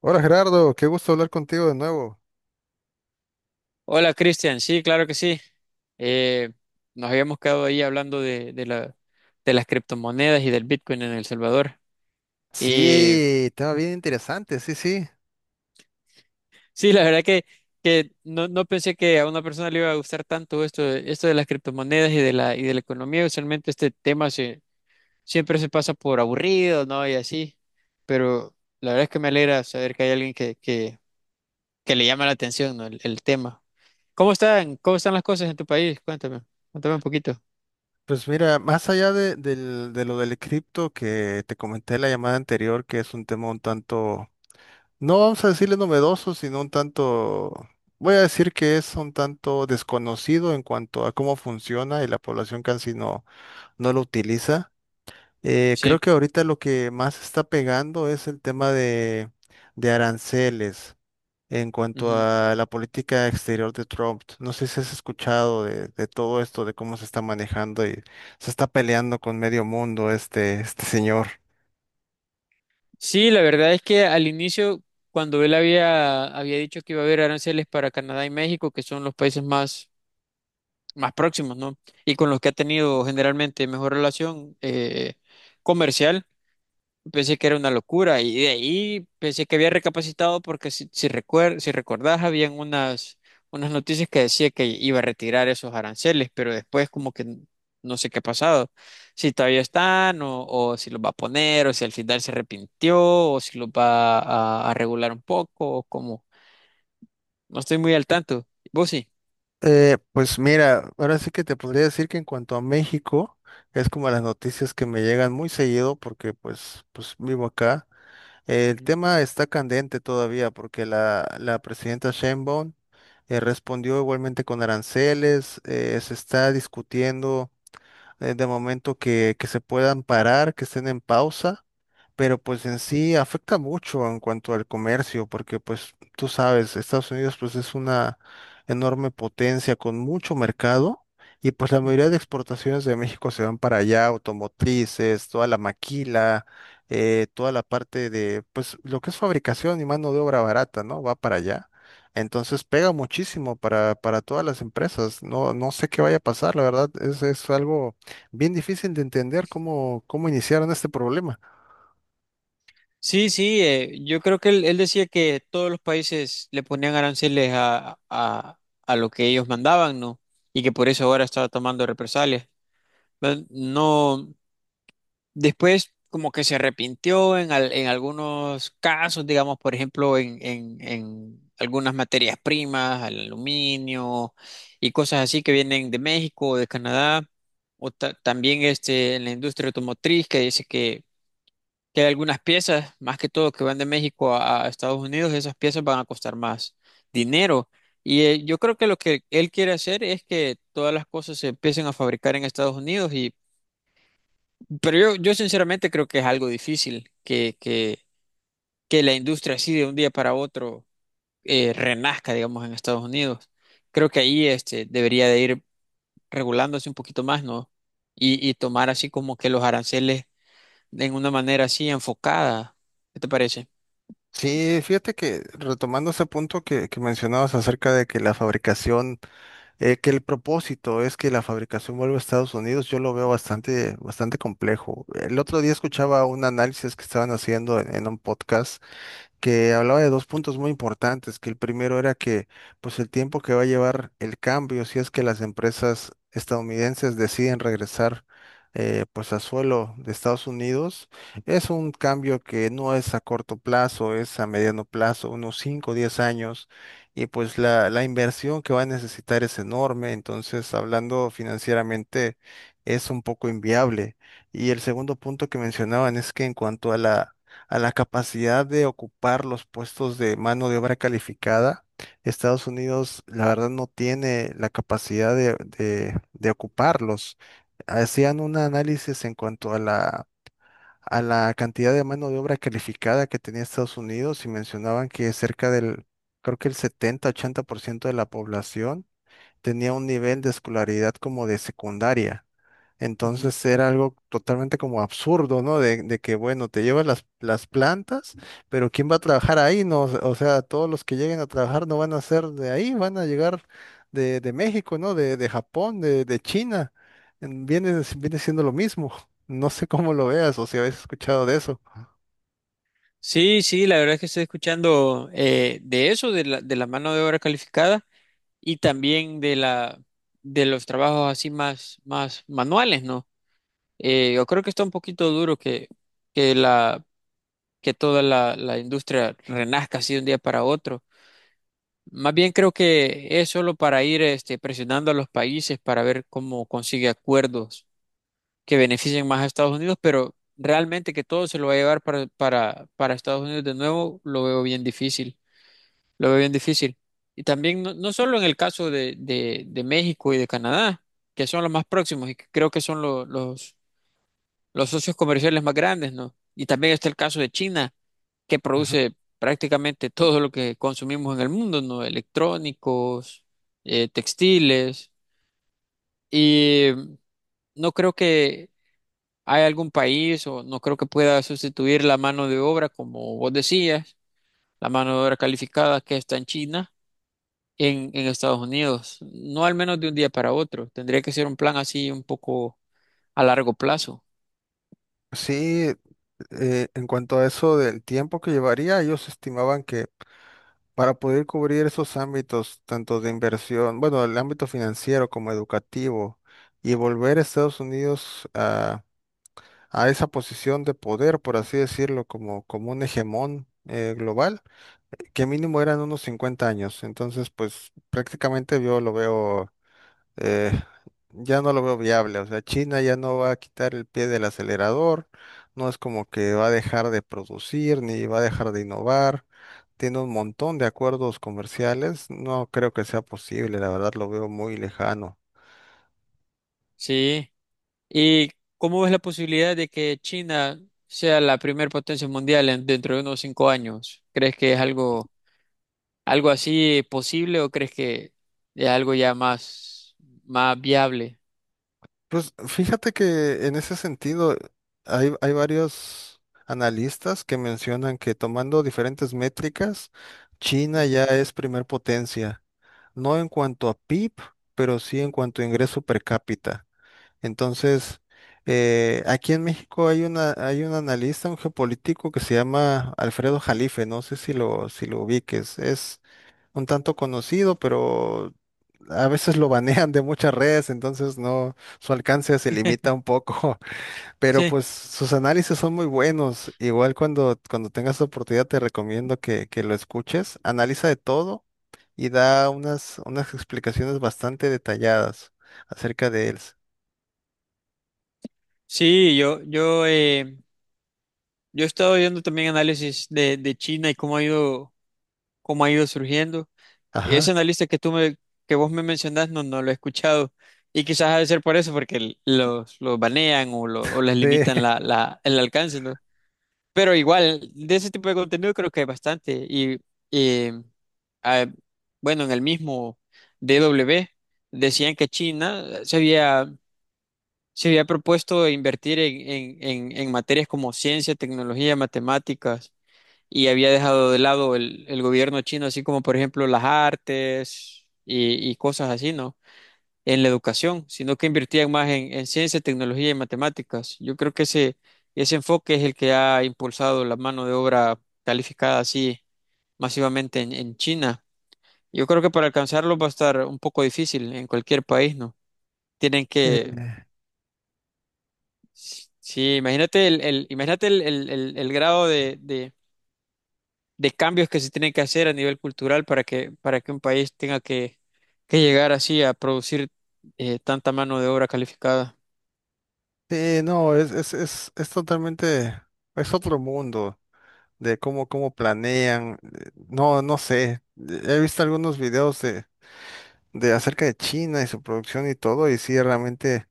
Hola Gerardo, qué gusto hablar contigo de nuevo. Hola Cristian, sí, claro que sí. Eh, nos habíamos quedado ahí hablando de las criptomonedas y del Bitcoin en El Salvador. Y Sí, estaba bien interesante, sí, sí. sí, la verdad que no pensé que a una persona le iba a gustar tanto esto, esto de las criptomonedas y de la economía. Usualmente este siempre se pasa por aburrido, ¿no? Y así. Pero la verdad es que me alegra saber que hay alguien que le llama la atención, ¿no? El tema. Cómo están las cosas en tu país? Cuéntame, cuéntame un poquito. Pues mira, más allá de lo del cripto que te comenté en la llamada anterior, que es un tema un tanto, no vamos a decirle novedoso, sino un tanto, voy a decir que es un tanto desconocido en cuanto a cómo funciona y la población casi no, no lo utiliza. Creo Sí. que ahorita lo que más está pegando es el tema de aranceles en cuanto a la política exterior de Trump. No sé si has escuchado de todo esto, de cómo se está manejando y se está peleando con medio mundo este señor. Sí, la verdad es que al inicio, cuando él había dicho que iba a haber aranceles para Canadá y México, que son los países más, más próximos, ¿no? Y con los que ha tenido generalmente mejor relación comercial, pensé que era una locura y de ahí pensé que había recapacitado porque si recordás habían unas, unas noticias que decía que iba a retirar esos aranceles, pero después como que no sé qué ha pasado, si todavía están o si los va a poner o si al final se arrepintió o si los va a regular un poco o cómo. No estoy muy al tanto. ¿Vos sí? Pues mira, ahora sí que te podría decir que en cuanto a México, es como las noticias que me llegan muy seguido porque pues vivo acá. El tema está candente todavía porque la presidenta Sheinbaum respondió igualmente con aranceles. Se está discutiendo, de momento, que se puedan parar, que estén en pausa, pero pues en sí afecta mucho en cuanto al comercio, porque pues tú sabes, Estados Unidos pues es una enorme potencia con mucho mercado, y pues la Ujú. mayoría de exportaciones de México se van para allá, automotrices, toda la maquila, toda la parte de pues lo que es fabricación y mano de obra barata, ¿no? Va para allá. Entonces pega muchísimo para todas las empresas. No sé qué vaya a pasar, la verdad, es algo bien difícil de entender cómo iniciaron este problema. Sí, sí, yo creo que él decía que todos los países le ponían aranceles a lo que ellos mandaban, ¿no? Y que por eso ahora estaba tomando represalias. Pero no, después como que se arrepintió en, en algunos casos, digamos, por ejemplo, en algunas materias primas, al aluminio y cosas así que vienen de México o de Canadá, o también este, en la industria automotriz que dice que hay algunas piezas, más que todo que van de México a Estados Unidos, esas piezas van a costar más dinero. Y yo creo que lo que él quiere hacer es que todas las cosas se empiecen a fabricar en Estados Unidos y pero yo sinceramente creo que es algo difícil que la industria así de un día para otro renazca, digamos, en Estados Unidos. Creo que ahí este debería de ir regulándose un poquito más, ¿no? Y tomar así como que los aranceles en una manera así enfocada. ¿Qué te parece? Sí, fíjate que retomando ese punto que mencionabas acerca de que la fabricación, que el propósito es que la fabricación vuelva a Estados Unidos, yo lo veo bastante, bastante complejo. El otro día escuchaba un análisis que estaban haciendo en un podcast que hablaba de dos puntos muy importantes, que el primero era que pues el tiempo que va a llevar el cambio, si es que las empresas estadounidenses deciden regresar pues a suelo de Estados Unidos, es un cambio que no es a corto plazo, es a mediano plazo, unos 5 o 10 años, y pues la inversión que va a necesitar es enorme, entonces hablando financieramente es un poco inviable. Y el segundo punto que mencionaban es que en cuanto a la capacidad de ocupar los puestos de mano de obra calificada, Estados Unidos, la verdad, no tiene la capacidad de ocuparlos. Hacían un análisis en cuanto a a la cantidad de mano de obra calificada que tenía Estados Unidos, y mencionaban que cerca del, creo que el 70-80% de la población tenía un nivel de escolaridad como de secundaria. Ujú. Entonces era algo totalmente como absurdo, ¿no? Bueno, te llevas las plantas, pero ¿quién va a trabajar ahí? No, o sea, todos los que lleguen a trabajar no van a ser de ahí, van a llegar de México, ¿no? De Japón, de China. Viene siendo lo mismo. No sé cómo lo veas o si habéis escuchado de eso. Sí, sí, la verdad es que estoy escuchando de eso, de la mano de obra calificada y también de los trabajos así más, más manuales, ¿no? Yo creo que está un poquito duro que que toda la industria renazca así de un día para otro. Más bien creo que es solo para ir este, presionando a los países para ver cómo consigue acuerdos que beneficien más a Estados Unidos, pero realmente que todo se lo va a llevar para Estados Unidos de nuevo, lo veo bien difícil, lo veo bien difícil. Y también no, no solo en el caso de México y de Canadá, que son los más próximos y que creo que son los socios comerciales más grandes, ¿no? Y también está el caso de China, que Ujú. produce prácticamente todo lo que consumimos en el mundo, ¿no? Electrónicos, textiles, y no creo que ¿hay algún país? O no creo que pueda sustituir la mano de obra, como vos decías, la mano de obra calificada que está en China, en Estados Unidos. No al menos de un día para otro. Tendría que ser un plan así un poco a largo plazo. Sí, en cuanto a eso del tiempo que llevaría, ellos estimaban que para poder cubrir esos ámbitos, tanto de inversión, bueno, el ámbito financiero como educativo, y volver a Estados Unidos a esa posición de poder, por así decirlo, como un hegemón global, que mínimo eran unos 50 años. Entonces, pues prácticamente yo lo veo, eh, ya no lo veo viable. O sea, China ya no va a quitar el pie del acelerador, no es como que va a dejar de producir ni va a dejar de innovar. Tiene un montón de acuerdos comerciales, no creo que sea posible, la verdad lo veo muy lejano. Sí. ¿Y cómo ves la posibilidad de que China sea la primer potencia mundial dentro de unos 5 años? ¿Crees que es algo, algo así posible o crees que es algo ya más, más viable? Pues fíjate que en ese sentido hay varios analistas que mencionan que, tomando diferentes métricas, China Ujú. ya es primer potencia, no en cuanto a PIB, pero sí en cuanto a ingreso per cápita. Entonces, aquí en México hay una, hay un analista, un geopolítico que se llama Alfredo Jalife, no sé si lo ubiques, es un tanto conocido, pero a veces lo banean de muchas redes, entonces no, su alcance se limita un poco, pero Sí. pues sus análisis son muy buenos. Igual cuando tengas oportunidad te recomiendo que lo escuches, analiza de todo y da unas, unas explicaciones bastante detalladas acerca de él. Sí, yo he estado viendo también análisis de China y cómo ha ido surgiendo. Ajá. Ese analista que que vos me mencionás, no, no lo he escuchado. Y quizás ha de ser por eso, porque los banean o, o les limitan Sí. la, el alcance, ¿no? Pero igual, de ese tipo de contenido creo que hay bastante. Y eh, ah, bueno, en el mismo DW decían que China se había propuesto invertir en, en materias como ciencia, tecnología, matemáticas, y había dejado de lado el gobierno chino, así como por ejemplo las artes y cosas así, ¿no? En la educación, sino que invertían más en ciencia, tecnología y matemáticas. Yo creo que ese enfoque es el que ha impulsado la mano de obra calificada así masivamente en China. Yo creo que para alcanzarlo va a estar un poco difícil en cualquier país, ¿no? Tienen que Eh, sí, imagínate imagínate el grado de cambios que se tienen que hacer a nivel cultural para que un país tenga que llegar así a producir tanta mano de obra calificada. sí, no, es totalmente, es otro mundo de cómo planean. No, no sé. He visto algunos videos de acerca de China y su producción y todo, y sí, realmente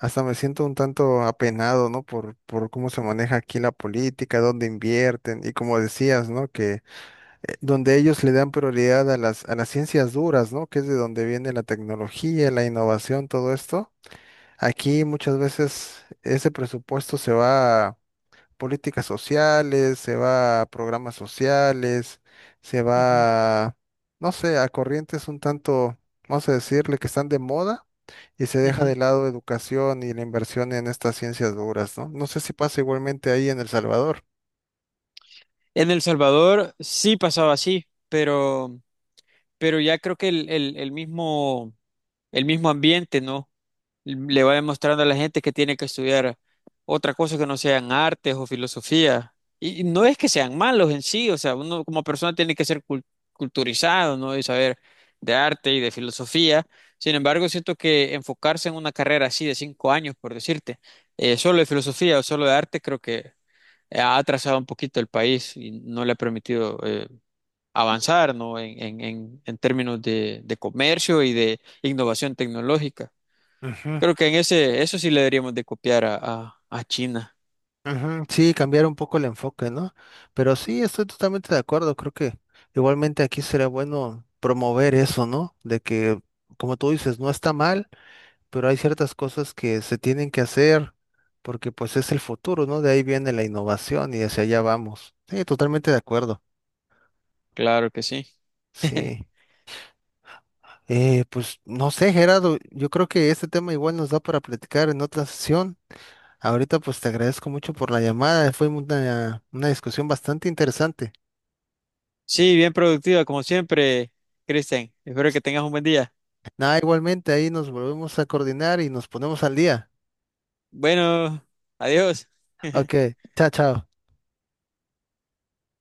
hasta me siento un tanto apenado, ¿no? Por cómo se maneja aquí la política, dónde invierten, y como decías, ¿no? Que donde ellos le dan prioridad a a las ciencias duras, ¿no? Que es de donde viene la tecnología, la innovación, todo esto. Aquí muchas veces ese presupuesto se va a políticas sociales, se va a programas sociales, se Ujú, va a, no sé, a corrientes un tanto, vamos a decirle, que están de moda, y se deja de ujú. lado educación y la inversión en estas ciencias duras, ¿no? No sé si pasa igualmente ahí en El Salvador. En El Salvador sí pasaba así, pero ya creo que el mismo ambiente, ¿no? Le va demostrando a la gente que tiene que estudiar otra cosa que no sean artes o filosofía. Y no es que sean malos en sí, o sea, uno como persona tiene que ser culturizado, ¿no? Y saber de arte y de filosofía. Sin embargo, siento que enfocarse en una carrera así de 5 años, por decirte, solo de filosofía o solo de arte, creo que ha atrasado un poquito el país y no le ha permitido avanzar, ¿no? En términos de comercio y de innovación tecnológica. Ujú. Creo que en ese, eso sí le deberíamos de copiar a China. Ujú. Sí, cambiar un poco el enfoque, ¿no? Pero sí, estoy totalmente de acuerdo. Creo que igualmente aquí sería bueno promover eso, ¿no? De que, como tú dices, no está mal, pero hay ciertas cosas que se tienen que hacer porque pues es el futuro, ¿no? De ahí viene la innovación y hacia allá vamos. Sí, totalmente de acuerdo. Claro que sí. Sí. Pues no sé, Gerardo, yo creo que este tema igual nos da para platicar en otra sesión. Ahorita pues te agradezco mucho por la llamada. Fue una discusión bastante interesante. Sí, bien productiva, como siempre, Cristian. Espero que tengas un buen día. Nada, igualmente ahí nos volvemos a coordinar y nos ponemos al día. Bueno, adiós. Ok, chao, chao.